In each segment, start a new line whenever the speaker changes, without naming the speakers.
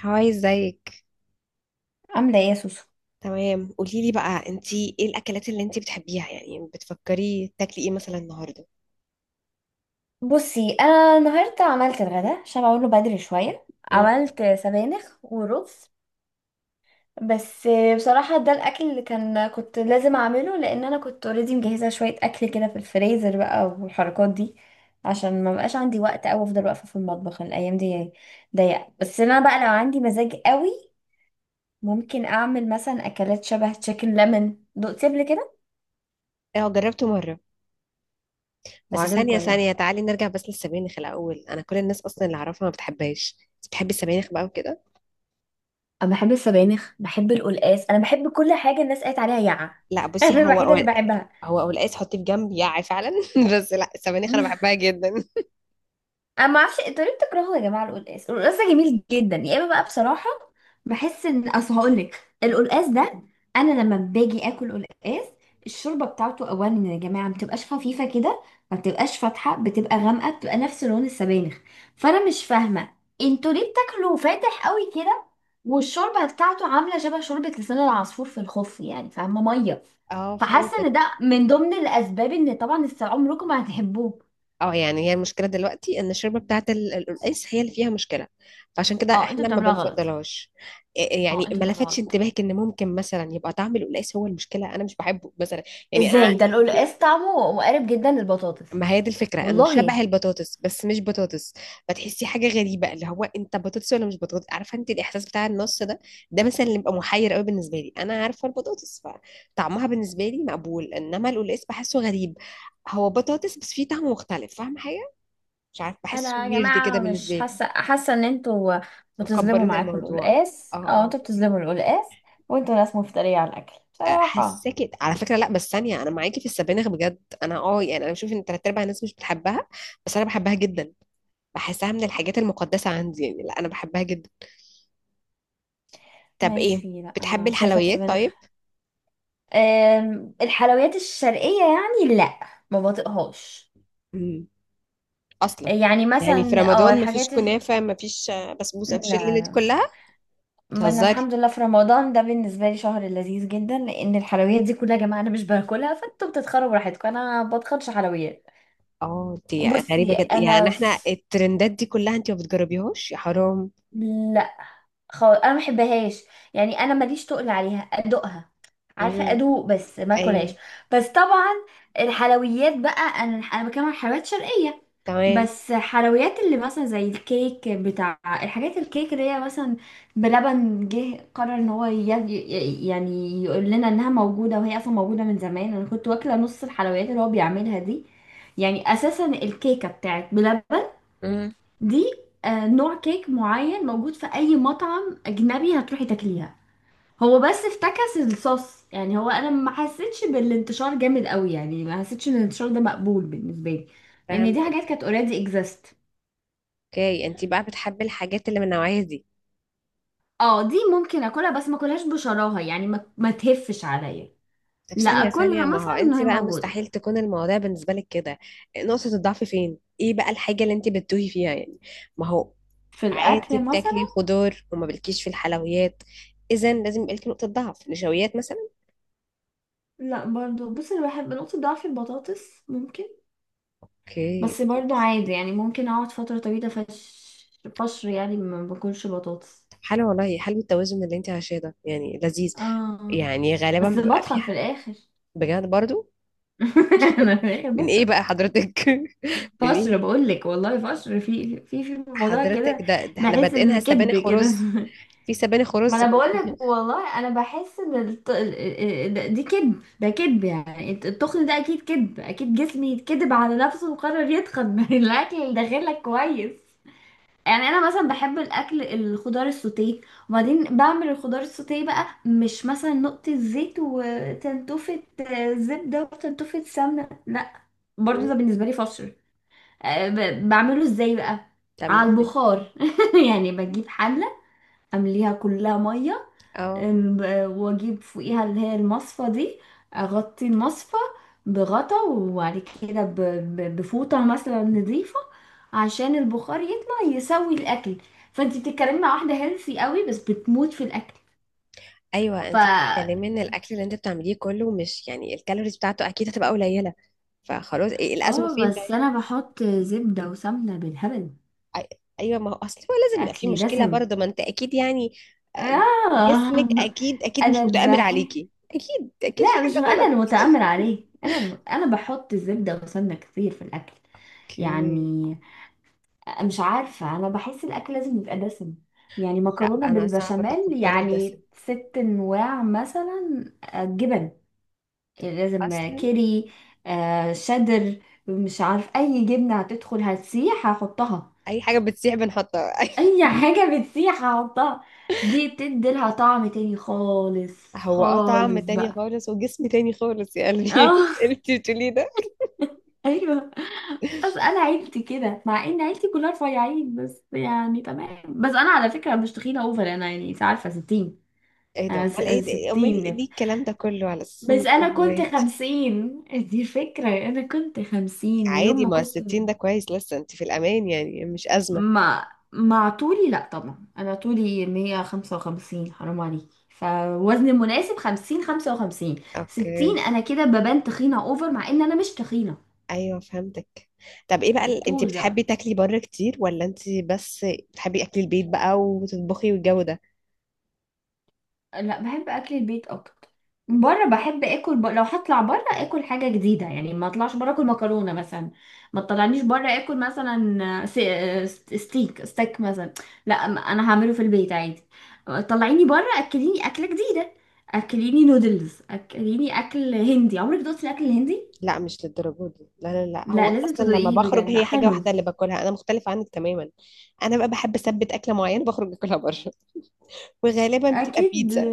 هاي، ازيك؟
عاملة ايه يا سوسو؟
تمام، قولي لي بقى انتي ايه الاكلات اللي انتي بتحبيها، يعني بتفكري تاكلي ايه مثلا النهارده؟
بصي، انا النهاردة عملت الغداء عشان اقوله بدري شوية.
امم.
عملت سبانخ ورز بس. بصراحة ده الاكل اللي كنت لازم اعمله لان انا كنت اوريدي مجهزة شوية اكل كده في الفريزر بقى والحركات دي، عشان ما بقاش عندي وقت او افضل واقفة في المطبخ. الايام دي ضيقة، بس انا بقى لو عندي مزاج قوي ممكن اعمل مثلا اكلات شبه تشيكن ليمون. دقتي قبل كده؟
اه، جربته مره. بس
وعجبك
ثانيه
ولا؟
ثانيه، تعالي نرجع بس للسبانخ الاول. انا كل الناس اصلا اللي اعرفها ما بتحبهاش، بس بتحبي السبانخ بقى وكده؟
انا بحب السبانخ، بحب القلقاس، انا بحب كل حاجه الناس قالت عليها يعة.
لا بصي،
انا الوحيده اللي بحبها.
هو قلقاس حطيه في جنب، يعي فعلا. بس لا، السبانخ انا بحبها جدا.
انا ما اعرفش انتوا ليه بتكرهوا يا جماعه القلقاس. القلقاس ده جميل جدا يا اما بقى بصراحه. بحس ان، اصل هقول لك، القلقاس ده، انا لما باجي اكل قلقاس الشوربه بتاعته اولا يا جماعه ما بتبقاش خفيفه كده، ما بتبقاش فاتحه، بتبقى غامقه، بتبقى نفس لون السبانخ. فانا مش فاهمه انتوا ليه بتاكلوا فاتح قوي كده، والشوربه بتاعته عامله شبه شوربه لسان العصفور في الخف، يعني فاهمه ميه.
اه،
فحاسه ان ده
فهمتك.
من ضمن الاسباب ان طبعا عمركم ما هتحبوه.
اه، يعني هي المشكلة دلوقتي ان الشوربة بتاعة القلقاس هي اللي فيها مشكلة، فعشان كده
اه، انتوا
احنا ما
بتعملوها غلط.
بنفضلهاش. إيه،
اه،
يعني
انتوا
ما
بتعملوه
لفتش
غلط.
انتباهك ان ممكن مثلا يبقى طعم القلقاس هو المشكلة؟ انا مش بحبه مثلا. يعني انا.
ازاي؟ ده القلقاس طعمه مقارب جدا للبطاطس.
ما هي دي الفكرة، انه شبه
والله،
البطاطس بس مش بطاطس. فتحسي حاجة غريبة، اللي هو انت بطاطس ولا مش بطاطس؟ عارفة انت الاحساس بتاع النص ده؟ ده مثلا اللي بيبقى محير قوي بالنسبة لي. انا عارفة البطاطس، فطعمها بالنسبة لي مقبول، انما القلقاس بحسه غريب. هو بطاطس بس فيه طعم مختلف، فاهمة؟ مش عارف، بحسه
انا يا
ويرد كده
جماعه مش
بالنسبة لي.
حاسه ان انتوا
اتفق،
بتظلموا،
مكبرين معاك
معاكم
الموضوع.
القلقاس، اه
اه.
انتوا بتظلموا القلقاس، وانتوا ناس مفتريه على الاكل بصراحه.
حساكي على فكرة. لا بس ثانية، انا معاكي في السبانخ بجد. انا يعني انا بشوف ان تلات ارباع الناس مش بتحبها، بس انا بحبها جدا. بحسها من الحاجات المقدسة عندي، يعني لا، انا بحبها جدا. طب
ماليش
ايه؟
فيه، لا
بتحبي
انا شايفه
الحلويات
السبانخ.
طيب؟
الحلويات الشرقيه يعني لا، ما بطيقهاش.
امم. اصلا.
يعني
يعني في
مثلا
رمضان مفيش
الحاجات، لا.
كنافة، مفيش بسبوسة، مفيش الليلة دي
لا،
كلها؟
ما انا
بتهزري؟
الحمد لله في رمضان ده بالنسبه لي شهر لذيذ جدا لان الحلويات دي كلها يا جماعه انا مش باكلها. فانتوا بتتخربوا براحتكم، انا ما بتخنش حلويات.
اه، دي غريبة
بصي
جدا، يعني
انا
احنا
في...
الترندات دي كلها انت ما بتجربيهاش؟ يا حرام.
لا، خالص انا ما بحبهاش. يعني انا ماليش تقل عليها، ادوقها، عارفه
امم.
ادوق بس ما اكلهاش.
ايوه.
بس طبعا الحلويات بقى انا بتكلم عن حلويات شرقيه.
تمام.
بس حلويات اللي مثلا زي الكيك بتاع الحاجات، الكيك اللي هي مثلا بلبن جه قرر ان هو يعني يقول لنا انها موجودة، وهي اصلا موجودة من زمان. انا كنت واكلة نص الحلويات اللي هو بيعملها دي. يعني اساسا الكيكة بتاعت بلبن
امم.
دي نوع كيك معين موجود في اي مطعم اجنبي هتروحي تاكليها. هو بس افتكس الصوص. يعني هو انا ما حسيتش بالانتشار جامد قوي، يعني ما حسيتش ان الانتشار ده مقبول بالنسبة لي، لان دي
فهمت.
حاجات كانت اوريدي اكزيست.
اوكي، انت بقى بتحبي الحاجات اللي من النوعيه دي.
اه، دي ممكن اكلها بس ما اكلهاش بشراهة، يعني ما تهفش عليا.
طب
لا،
ثانيه ثانيه،
اكلها
ما هو
مثلا ان
انت
هي
بقى
موجودة
مستحيل تكون المواضيع بالنسبه لك كده. نقطه الضعف فين؟ ايه بقى الحاجه اللي انت بتتوهي فيها يعني؟ ما هو.
في
عادي
الاكل مثلا.
بتاكلي خضار وما بلكيش في الحلويات. اذا لازم يبقى لك نقطه ضعف، نشويات مثلا؟
لا برضو، بص، انا بحب نقطة ضعف البطاطس ممكن.
اوكي،
بس برضو
بطاطس.
عادي، يعني ممكن اقعد فترة طويلة، فشر يعني ما باكلش بطاطس.
طب حلو، والله حلو التوازن اللي انت عايشاه ده، يعني لذيذ.
اه،
يعني غالبا
بس
بيبقى في
بتخن في
حد.
الاخر.
بجد برضو؟
انا في الاخر
من ايه
بتخن.
بقى حضرتك؟ من
فشر،
ايه؟
بقول لك والله، فشر في موضوع
حضرتك،
كده.
ده احنا
بحس ان
بادئينها
كدب
سبانخ
كده.
ورز؟ في سبانخ
ما
ورز
انا
في
بقولك
البيت؟
والله، انا بحس ان الت... ال- ال- ال- دي كذب، ده كذب، يعني التخن ده اكيد كذب، اكيد جسمي يتكذب على نفسه وقرر يتخن من الاكل اللي داخلك كويس. يعني انا مثلا بحب الاكل الخضار السوتيه. وبعدين بعمل الخضار السوتيه بقى مش مثلا نقطة زيت وتنتوفة، زبدة وتنتوفة سمنة، لا. برضو
مم.
ده بالنسبة لي فشل. بعمله ازاي بقى؟
بتعملي
على
ازاي؟
البخار. يعني بجيب حلة، امليها كلها مية،
اه.
واجيب فوقيها اللي هي المصفى دي، اغطي المصفى بغطا، وبعد كده بفوطة مثلا نظيفة عشان البخار يطلع يسوي الاكل. فانت بتتكلمي مع واحدة هيلثي قوي بس بتموت في الاكل.
ايوه،
ف
انت بتتكلمي ان الاكل اللي انت بتعمليه كله مش يعني الكالوريز بتاعته اكيد هتبقى قليله. فخلاص، إيه الازمه
اه
فين
بس
طيب؟
انا بحط زبدة وسمنة بالهبل،
أي- ايوه، ما هو اصل هو لازم يبقى في
اكلي
مشكله
دسم.
برضه، ما انت اكيد يعني. جسمك
آه
اكيد اكيد مش
انا
متآمر
بح
عليكي، اكيد اكيد في
لا، مش
حاجه
انا
غلط.
المتآمر عليه. انا بحط زبدة وسمنة كتير في الاكل.
اوكي.
يعني، مش عارفة، أنا بحس الأكل لازم يبقى دسم. يعني
لا،
مكرونة
انا صعب
بالبشاميل،
اتقبله دسم.
يعني ست أنواع مثلا، جبن، يعني لازم،
اصلا.
كيري، شدر، مش عارف أي جبنة هتدخل هتسيح هحطها.
اي حاجه بتسيح بنحطها.
أي حاجة بتسيح هحطها، دي بتديلها طعم تاني خالص
هو طعم
خالص
تاني
بقى.
خالص وجسم تاني خالص يا قلبي.
اه،
انت بتقولي ده.
ايوه. بس انا عيلتي كده، مع ان عيلتي كلها رفيعين بس يعني تمام، بس انا على فكره مش تخينه اوفر، انا يعني انت عارفه 60.
ايه ده؟
انا
امال ايه ده؟ امال
ستين.
ليه الكلام ده كله على اساس
بس
انك
انا
اوفر
كنت
ويت؟
خمسين، دي الفكرة. انا كنت خمسين، ويوم
عادي،
ما
ما هو
كنت
60 ده كويس، لسه انت في الامان يعني، مش ازمه.
مع طولي، لا طبعا انا طولي مية خمسة وخمسين، حرام عليكي. فوزن مناسب خمسين، خمسة وخمسين. ستين
اوكي.
انا كده ببان تخينة اوفر مع ان انا مش تخينة.
ايوه، فهمتك. طب ايه بقى انت
الطول
بتحبي
بقى.
تاكلي بره كتير، ولا انت بس بتحبي اكل البيت بقى وتطبخي والجو ده؟
لا، بحب اكل البيت اكتر. بره بحب اكل، لو هطلع بره اكل حاجه جديده، يعني ما اطلعش بره اكل مكرونه مثلا. ما تطلعنيش بره اكل مثلا ستيك ستيك مثلا. لا، انا هعمله في البيت عادي. طلعيني بره، اكليني اكله جديده، اكليني نودلز، اكليني اكل هندي. عمرك دوقتي الاكل الهندي؟
لا، مش للدرجه دي. لا لا لا، هو
لا،
انا
لازم
اصلا لما
تدوقيه،
بخرج
بجد
هي حاجه
حلو.
واحده اللي باكلها، انا مختلفه عنك تماما. انا بقى بحب اثبت اكله معينه بخرج اكلها بره. وغالبا بتبقى
اكيد.
بيتزا.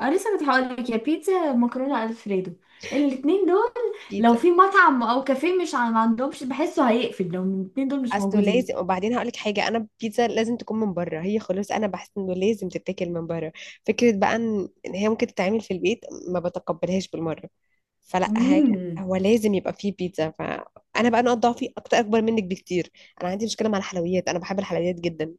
اه، لسه كنت هقولك، يا بيتزا مكرونه الفريدو، الاتنين دول. لو
بيتزا.
في مطعم او كافيه مش ما عندهمش، بحسه هيقفل لو الاتنين دول مش
اصله
موجودين.
لازم. وبعدين هقول لك حاجه، انا البيتزا لازم تكون من بره، هي خلاص انا بحس انه لازم تتاكل من بره. فكره بقى ان هي ممكن تتعمل في البيت، ما بتقبلهاش بالمره. فلا هي،
امم.
هو لازم يبقى فيه بيتزا. فانا بقى نقط ضعفي اكتر، اكبر منك بكتير. انا عندي مشكله مع الحلويات، انا بحب الحلويات جدا.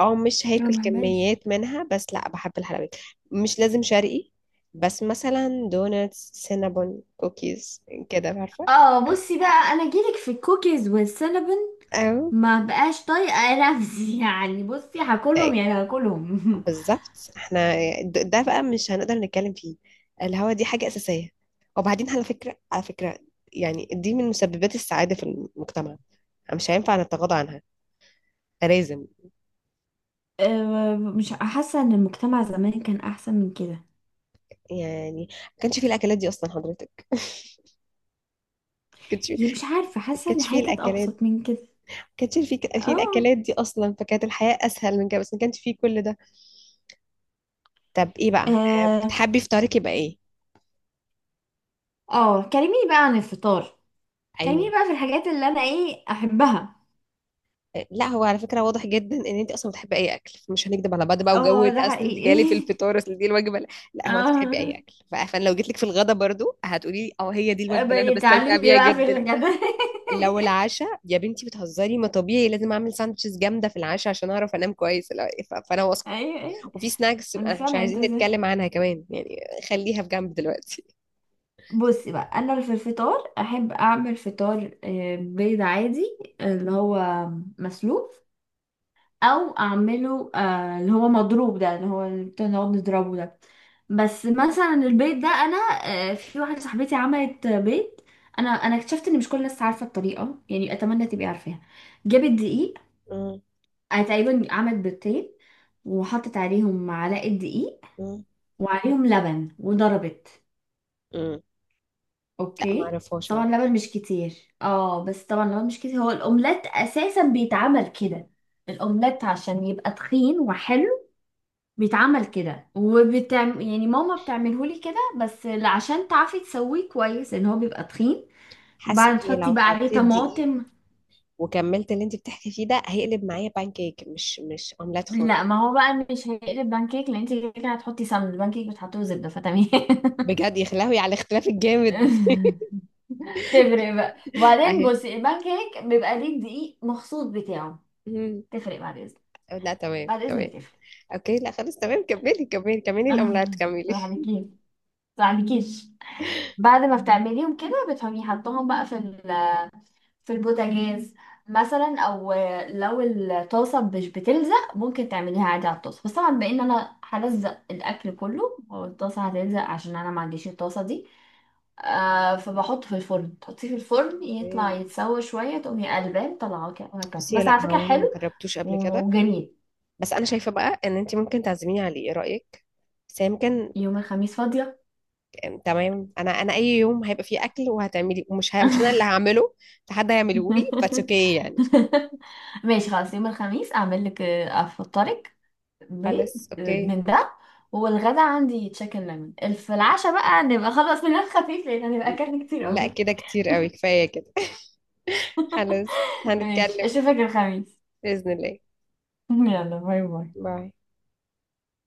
اه، مش
انا
هاكل
ما بحبهاش.
كميات منها بس، لا بحب الحلويات. مش لازم شرقي، بس مثلا دونتس، سينابون، كوكيز، كده عارفه؟
اه، بصي بقى انا جيلك في الكوكيز والسينابون،
او
ما بقاش طايقه نفسي. يعني بصي هاكلهم، يعني هاكلهم.
بالظبط، احنا ده بقى مش هنقدر نتكلم فيه. الهوا دي حاجة أساسية. وبعدين على فكرة، يعني دي من مسببات السعادة في المجتمع، مش هينفع نتغاضى عنها، لازم.
مش حاسه ان المجتمع زمان كان احسن من كده؟
يعني ما كانش فيه الأكلات دي أصلا حضرتك، ما كانش فيه.
يعني مش عارفه،
ما
حاسه ان
كانش فيه
الحياه كانت
الأكلات، ما
ابسط من كده.
كانش فيه
اه.
الأكلات دي أصلا، فكانت الحياة أسهل من كده، بس ما كانش فيه كل ده. طب إيه بقى،
اه.
بتحبي فطارك يبقى إيه؟
كلميني بقى عن الفطار، خليني
أيوه.
بقى في الحاجات اللي انا ايه احبها.
لا هو على فكرة واضح جدا ان انت اصلا بتحبي اي اكل، مش هنكدب على بعض بقى. وجو،
اه ده
اصل انت جالي في
حقيقي.
الفطار، اصل دي الوجبة، لا. لا هو انت بتحبي اي
اه،
اكل، فانا لو جيت لك في الغدا برضو هتقولي لي اه هي دي الوجبة اللي انا
بقى
بستمتع
تعلمني
بيها
بقى في
جدا.
الغدا.
لو العشاء يا بنتي بتهزري، ما طبيعي لازم اعمل ساندوتشز جامدة في العشاء عشان اعرف انام كويس. لا، فانا واثقة.
ايوه، ايوه.
وفي سناكس
مش
مش
فاهمه انت
عايزين
ازاي.
نتكلم عنها كمان يعني. خليها في جنب دلوقتي.
بصي بقى انا في الفطار احب اعمل فطار، بيض عادي اللي هو مسلوق، او اعمله اللي هو مضروب، ده اللي هو اللي بنقعد نضربه ده. بس مثلا البيض ده انا، في واحده صاحبتي عملت بيض، انا اكتشفت ان مش كل الناس عارفه الطريقه، يعني اتمنى تبقي عارفاها. جابت دقيق،
مم.
تقريبا عملت بيضتين، وحطت عليهم معلقه دقيق
مم.
وعليهم لبن وضربت.
امم. لا، ما
اوكي، بس
اعرفهاش على
طبعا
فكرة.
لبن مش كتير. اه، بس طبعا لبن مش كتير. هو الاومليت اساسا بيتعمل كده. الاومليت عشان يبقى تخين وحلو بيتعمل كده، يعني ماما بتعمله لي كده، بس عشان تعرفي تسويه كويس ان هو بيبقى تخين،
حاسة
بعد
اني
تحطي
لو
بقى عليه
حطيت دقيق
طماطم.
وكملت اللي انت بتحكي فيه ده هيقلب معايا بانكيك، مش اومليت
لا،
خالص.
ما هو بقى مش هيقلب بانكيك، لان انت كده كده هتحطي سمن البانكيك، بتحطيه زبده، فتمام.
بجد يا خلاوي على الاختلاف الجامد.
تفرق بقى. وبعدين
اهي.
بصي البانكيك بيبقى ليه الدقيق مخصوص بتاعه.
مم.
تفرق، بعد اذنك.
لا، تمام
بعد
تمام.
اذنك تفرق.
اوكي، لا خلاص، تمام، كملي كملي كملي الاومليت،
صح
كملي.
عليكي، صح عليكيش. بعد ما بتعمليهم كده بتقومي حطهم بقى في البوتاجاز مثلا. او لو الطاسه مش بتلزق ممكن تعمليها عادي على الطاسه، بس طبعا بما ان انا هلزق الاكل كله والطاسه هتلزق عشان انا ما عنديش الطاسه دي. فبحط في الفرن، تحطيه في الفرن يطلع
اوكي.
يتسوى شويه، تقومي قلبان طلعه كده وهكذا.
بصي،
بس
لا
على فكره
هو انا ما
حلو
جربتوش قبل كده.
وجميل.
بس انا شايفه بقى ان انت ممكن تعزميني عليه، ايه رايك؟ بس هي يمكن.
يوم الخميس فاضيه.
تمام، انا اي يوم هيبقى فيه اكل وهتعملي ومش مش انا اللي هعمله. ده حد هيعمله لي بس، اوكي يعني.
ماشي خلاص، يوم الخميس اعمل لك، افطرك بيض
خلاص، اوكي.
من ده. والغدا عندي تشيكن ليمون. في العشاء بقى نبقى خلاص ننام خفيف لان هنبقى اكلنا كتير
لا
قوي.
كده كتير قوي، كفايه كده. خلاص.
ماشي،
هنتكلم.
اشوفك الخميس.
بإذن الله.
يلا، باي باي.
باي.